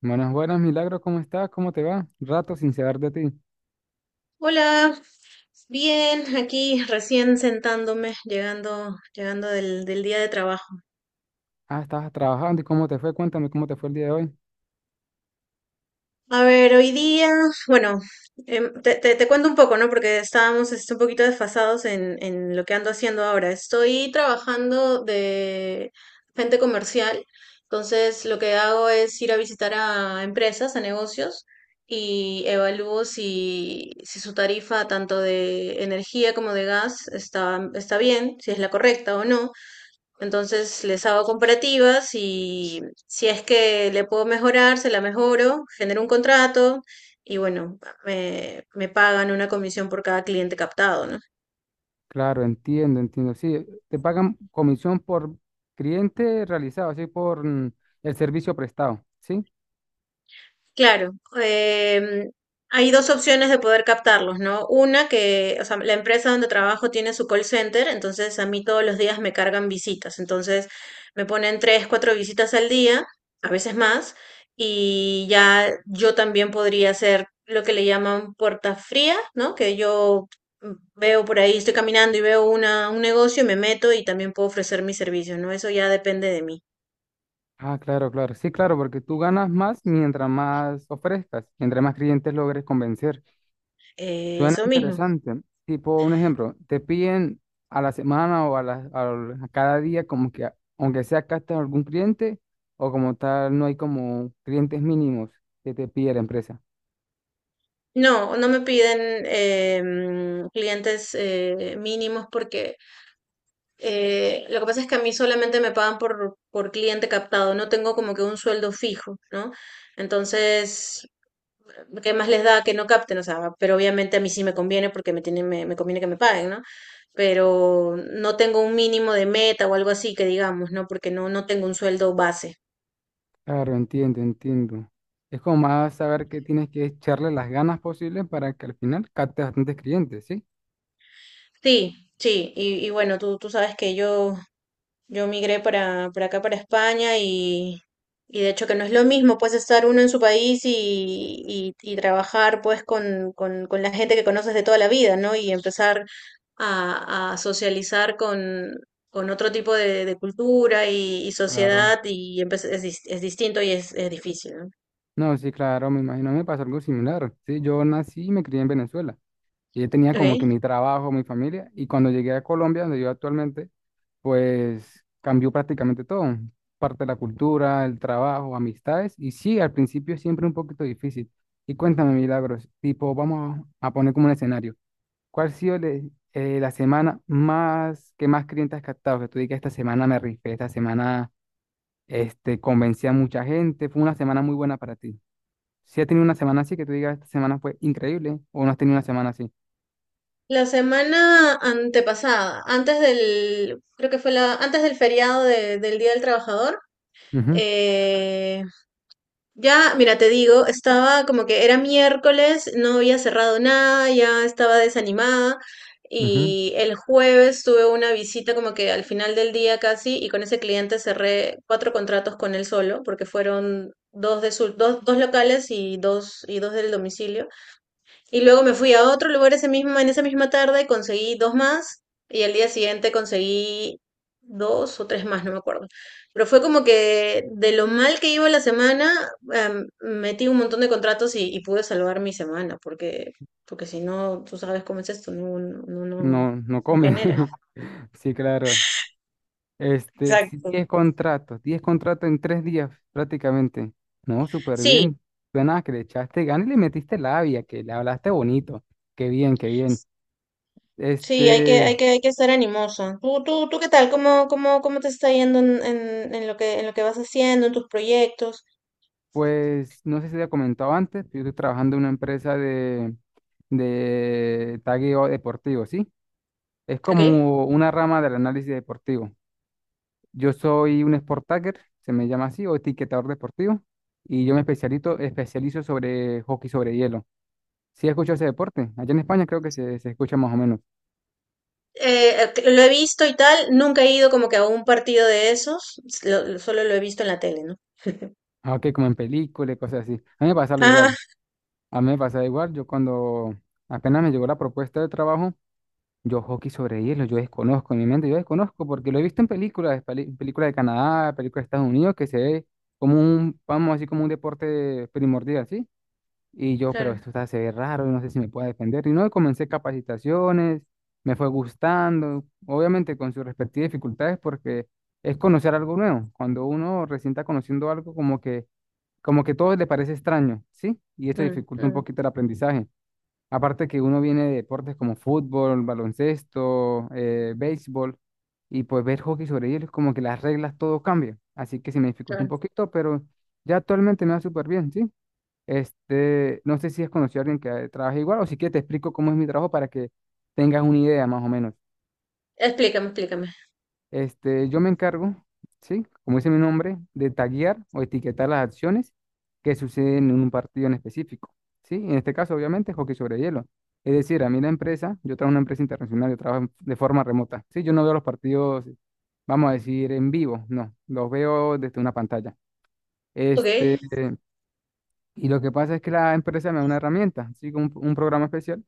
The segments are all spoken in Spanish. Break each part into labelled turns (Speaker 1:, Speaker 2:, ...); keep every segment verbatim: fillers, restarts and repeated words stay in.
Speaker 1: Buenas, buenas, Milagro, ¿cómo estás? ¿Cómo te va? Rato sin saber de ti.
Speaker 2: Hola, bien, aquí recién sentándome, llegando, llegando del, del día de trabajo.
Speaker 1: Ah, estabas trabajando y cómo te fue, cuéntame cómo te fue el día de hoy.
Speaker 2: A ver, hoy día, bueno, em, te, te- te cuento un poco, ¿no? Porque estábamos este, un poquito desfasados en, en lo que ando haciendo ahora. Estoy trabajando de gente comercial, entonces lo que hago es ir a visitar a empresas, a negocios. Y evalúo si, si su tarifa tanto de energía como de gas está, está bien, si es la correcta o no. Entonces les hago comparativas y si es que le puedo mejorar, se la mejoro, genero un contrato y bueno, me, me pagan una comisión por cada cliente captado, ¿no?
Speaker 1: Claro, entiendo, entiendo. Sí, te pagan comisión por cliente realizado, así por mm, el servicio prestado, ¿sí?
Speaker 2: Claro, em, hay dos opciones de poder captarlos, ¿no? Una que, o sea, la empresa donde trabajo tiene su call center, entonces a mí todos los días me cargan visitas, entonces me ponen tres, cuatro visitas al día, a veces más, y ya yo también podría hacer lo que le llaman puerta fría, ¿no? Que yo mm, veo por ahí, estoy caminando y veo una, un negocio y me meto y también puedo ofrecer mis servicios, ¿no? Eso ya depende de mí.
Speaker 1: Ah, claro, claro. Sí, claro, porque tú ganas más mientras más ofrezcas, entre más clientes logres convencer.
Speaker 2: Eh,
Speaker 1: Suena
Speaker 2: eso mismo.
Speaker 1: interesante. Tipo, un ejemplo, te piden a la semana o a, la- al- a cada día como que, a- aunque sea captar algún cliente o como tal, no hay como clientes mínimos que te pide la empresa.
Speaker 2: No, no me piden em, clientes eh, mínimos porque eh, lo que pasa es que a mí solamente me pagan por, por cliente captado, no tengo como que un sueldo fijo, ¿no? Entonces, ¿qué más les da que no capten? O sea, pero obviamente a mí sí me conviene porque me tienen, me, me conviene que me paguen, ¿no? Pero no tengo un mínimo de meta o algo así que digamos, ¿no? Porque no, no tengo un sueldo base.
Speaker 1: Claro, entiendo, entiendo. Es como más saber que tienes que echarle las ganas posibles para que al final captes bastantes clientes, ¿sí?
Speaker 2: Sí, sí, y, y bueno, tú, tú sabes que yo Yo migré para, para acá, para España, y, y de hecho que no es lo mismo, pues estar uno en su país y, y, y trabajar pues con, con, con la gente que conoces de toda la vida, ¿no? Y empezar a, a socializar con, con otro tipo de, de cultura y, y
Speaker 1: Claro.
Speaker 2: sociedad, y empe- es, dis- es distinto y es, es difícil, ¿no?
Speaker 1: No, sí, claro, me imagino, me pasó algo similar. Sí, yo nací y me crié en Venezuela. Y yo tenía como que
Speaker 2: Okay.
Speaker 1: mi trabajo, mi familia. Y cuando llegué a Colombia, donde yo actualmente, pues cambió prácticamente todo, parte de la cultura, el trabajo, amistades, y sí, al principio es siempre un poquito difícil. Y cuéntame, Milagros, tipo, vamos a poner como un escenario. ¿Cuál ha sido le- eh, la semana más que más clientes has captado? Que tú digas, esta semana me rifé, esta semana este, convencí a mucha gente, fue una semana muy buena para ti. Si has tenido una semana así, que tú digas, esta semana fue increíble, o no has tenido una semana así.
Speaker 2: La semana antepasada, antes del, creo que fue la, antes del feriado de- del Día del Trabajador,
Speaker 1: Ujú,
Speaker 2: eh, ya, mira, te digo, estaba como que era miércoles, no había cerrado nada, ya estaba desanimada
Speaker 1: ujú.
Speaker 2: y el jueves tuve una visita como que al final del día casi y con ese cliente cerré cuatro contratos con él solo porque fueron dos de su, dos, dos locales y dos y dos del domicilio. Y luego me fui a otro lugar ese mismo, en esa misma tarde, conseguí dos más y al día siguiente conseguí dos o tres más, no me acuerdo. Pero fue como que de lo mal que iba la semana, em, metí un montón de contratos y, y pude salvar mi semana, porque, porque si no, tú sabes cómo es esto, no, no, no, no
Speaker 1: No, no
Speaker 2: no
Speaker 1: come
Speaker 2: genera.
Speaker 1: Sí, claro. Este, sí,
Speaker 2: Exacto.
Speaker 1: diez contratos, diez contratos en tres días prácticamente. No, súper
Speaker 2: Sí,
Speaker 1: bien. Suena que le echaste ganas y le metiste labia, que le hablaste bonito. Qué bien, qué bien.
Speaker 2: sí, hay que,
Speaker 1: Este,
Speaker 2: hay que, hay que estar animoso. ¿Tú, tú, tú qué tal? ¿Cómo, cómo, cómo te está yendo en, en, en lo que, en lo que vas haciendo, en tus proyectos?
Speaker 1: pues no sé si te había comentado antes, pero yo estoy trabajando en una empresa de, de tagueo deportivo, ¿sí? Es
Speaker 2: Ok.
Speaker 1: como una rama del análisis deportivo. Yo soy un sport tagger, se me llama así, o etiquetador deportivo, y yo me especialito, especializo sobre hockey sobre hielo. Sí, escucho ese deporte. Allá en España creo que se, se escucha más o menos.
Speaker 2: Eh, lo he visto y tal, nunca he ido como que a un partido de esos, lo- lo- solo lo he visto en la tele, ¿no?
Speaker 1: Ah, ok, como en películas cosas así. A mí me pasaba
Speaker 2: Ah,
Speaker 1: igual. A mí me pasaba igual. Yo cuando apenas me llegó la propuesta de trabajo, yo hockey sobre hielo, yo desconozco en mi mente, yo desconozco porque lo he visto en películas, peli- películas de Canadá, películas de Estados Unidos, que se ve como un, vamos así como un deporte primordial, ¿sí? Y yo, pero
Speaker 2: claro.
Speaker 1: esto está, se ve raro, no sé si me pueda defender. Y no, y comencé capacitaciones, me fue gustando, obviamente con sus respectivas dificultades, porque es conocer algo nuevo. Cuando uno recién está conociendo algo, como que, como que todo le parece extraño, ¿sí? Y esto
Speaker 2: Mm,
Speaker 1: dificulta un
Speaker 2: mm,
Speaker 1: poquito el aprendizaje. Aparte que uno viene de deportes como fútbol, baloncesto, eh, béisbol, y pues ver hockey sobre hielo es como que las reglas todo cambia. Así que se me dificulta un
Speaker 2: claro.
Speaker 1: poquito, pero ya actualmente me va súper bien, ¿sí? Este, no sé si has conocido a alguien que trabaje igual o si quieres te explico cómo es mi trabajo para que tengas una idea más o menos.
Speaker 2: Explícame, explícame.
Speaker 1: Este, yo me encargo, ¿sí? Como dice mi nombre, de taguear o etiquetar las acciones que suceden en un partido en específico, ¿sí? En este caso, obviamente, hockey sobre hielo. Es decir, a mí la empresa, yo trabajo en una empresa internacional, yo trabajo en- de forma remota, ¿sí? Yo no veo los partidos, vamos a decir, en vivo, no, los veo desde una pantalla.
Speaker 2: Ok.
Speaker 1: Este, y lo que pasa es que la empresa me da una herramienta, ¿sí? Un, un programa especial.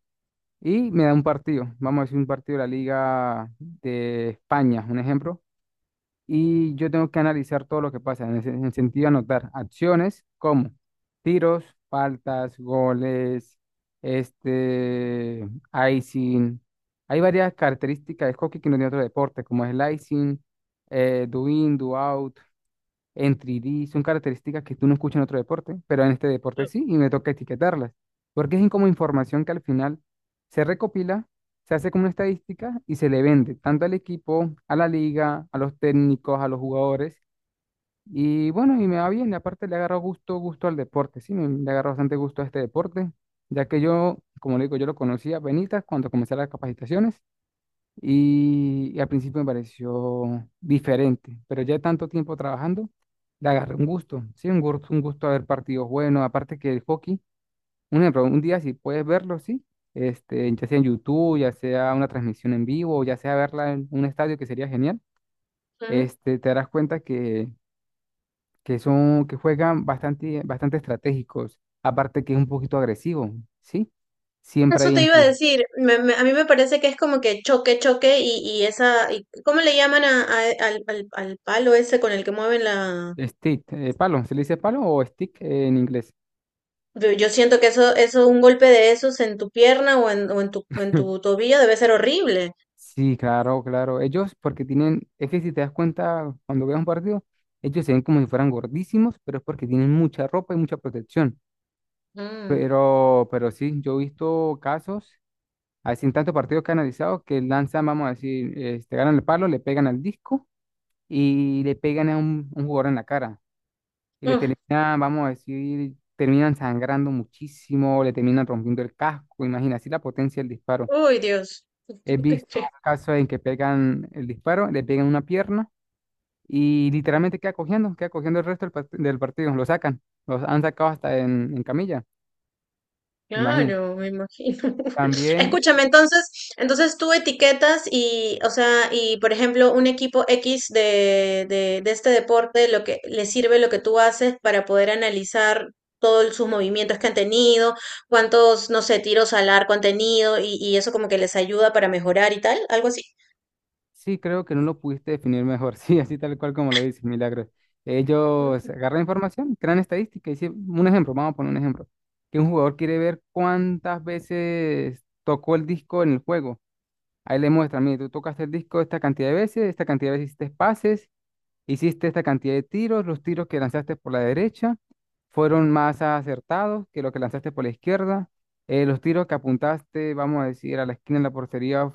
Speaker 1: Y me da un partido, vamos a decir un partido de la Liga de España, un ejemplo. Y yo tengo que analizar todo lo que pasa, en el, en el sentido de anotar acciones como tiros, faltas, goles, este, icing. Hay varias características de hockey que no tiene otro deporte, como es el icing, eh, do in, do out en tres D, son características que tú no escuchas en otro deporte, pero en este deporte sí, y me toca etiquetarlas, porque es como información que al final se recopila, se hace como una estadística y se le vende tanto al equipo, a la liga, a los técnicos, a los jugadores, y bueno, y me va bien, y aparte le agarro gusto, gusto al deporte, sí, me, le agarro bastante gusto a este deporte, ya que yo, como le digo, yo lo conocí a penitas cuando comencé las capacitaciones, y, y al principio me pareció diferente, pero ya tanto tiempo trabajando, le agarré un gusto, sí, un gusto, un gusto a ver partidos buenos, aparte que el hockey, un ejemplo, un día si puedes verlo, sí, este, ya sea en YouTube, ya sea una transmisión en vivo, ya sea verla en un estadio que sería genial,
Speaker 2: Ujú.
Speaker 1: este, te darás cuenta que, que son, que juegan bastante, bastante estratégicos, aparte que es un poquito agresivo, sí, siempre
Speaker 2: Eso
Speaker 1: hay
Speaker 2: te iba a
Speaker 1: empuje,
Speaker 2: decir, me- me- a mí me parece que es como que choque, choque y, y esa, y- ¿cómo le llaman a- a- al, al- al palo ese con el que mueven la...
Speaker 1: stick, eh, palo, ¿se le dice palo o stick en inglés?
Speaker 2: Yo yo siento que eso, eso, un golpe de esos en tu pierna o en, o en tu, en tu tobillo debe ser horrible.
Speaker 1: Sí, claro, claro. Ellos, porque tienen, es que si te das cuenta, cuando veas un partido, ellos se ven como si fueran gordísimos, pero es porque tienen mucha ropa y mucha protección.
Speaker 2: Mm.
Speaker 1: Pero, pero sí, yo he visto casos, así en tantos partidos que he analizado, que lanzan, vamos a decir, este, ganan el palo, le pegan al disco y le pegan a un, un jugador en la cara. Y le
Speaker 2: Uf,
Speaker 1: terminan, vamos a decir, terminan sangrando muchísimo, le terminan rompiendo el casco. Imagina así la potencia del disparo.
Speaker 2: uy, Dios.
Speaker 1: He visto casos en que pegan el disparo, le pegan una pierna y literalmente queda cogiendo, queda cogiendo el resto del, part- del partido. Lo sacan, los han sacado hasta en, en camilla, imagino.
Speaker 2: Claro, me imagino.
Speaker 1: También
Speaker 2: Escúchame, entonces, entonces tú etiquetas y, o sea, y por ejemplo, un equipo X de, de, de este deporte, lo que le sirve lo que tú haces para poder analizar todos sus movimientos que han tenido, cuántos, no sé, tiros al arco han tenido y, y eso como que les ayuda para mejorar y tal, algo así.
Speaker 1: sí creo que no lo pudiste definir mejor, sí, así tal cual como lo dices, Milagros. Ellos agarran información, crean estadística y sí, un ejemplo, vamos a poner un ejemplo, que un jugador quiere ver cuántas veces tocó el disco en el juego. Ahí le muestran, mire, tú tocaste el disco esta cantidad de veces, esta cantidad de veces hiciste pases. Hiciste esta cantidad de tiros, los tiros que lanzaste por la derecha fueron más acertados que los que lanzaste por la izquierda. Eh, los tiros que apuntaste, vamos a decir, a la esquina de la portería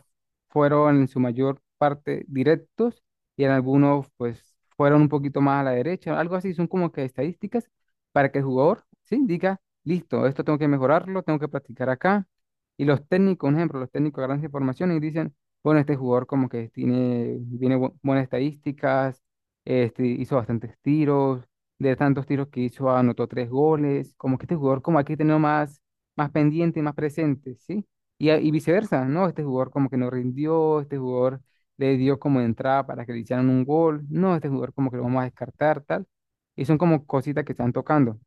Speaker 1: fueron en su mayor parte directos y en algunos pues fueron un poquito más a la derecha, algo así, son como que estadísticas para que el jugador, sí, diga, listo, esto tengo que mejorarlo, tengo que practicar acá. Y los técnicos, un ejemplo, los técnicos agarran esa información y dicen, bueno, este jugador como que tiene, tiene bu- buenas estadísticas, este, hizo bastantes tiros, de tantos tiros que hizo, anotó tres goles. Como que este jugador, como hay que tenerlo más, más pendiente, más presente, ¿sí? Y, a- y viceversa, ¿no? Este jugador como que no rindió, este jugador le dio como entrada para que le hicieran un gol, no, este jugador como que lo vamos a descartar, tal. Y son como cositas que están tocando.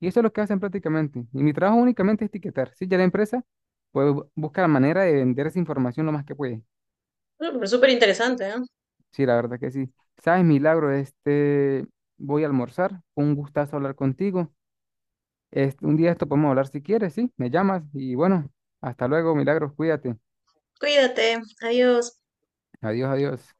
Speaker 1: Y eso es lo que hacen prácticamente. Y mi trabajo únicamente es etiquetar, ¿sí? Ya la empresa, pues bu- busca la manera de vender esa información lo más que puede.
Speaker 2: Mm, súper interesante, ¿eh?
Speaker 1: Sí, la verdad que sí. Sabes, Milagro, este, voy a almorzar. Fue un gustazo hablar contigo. Este, un día de esto podemos hablar si quieres, sí, me llamas y bueno, hasta luego, Milagros, cuídate.
Speaker 2: Cuídate, adiós.
Speaker 1: Adiós, adiós.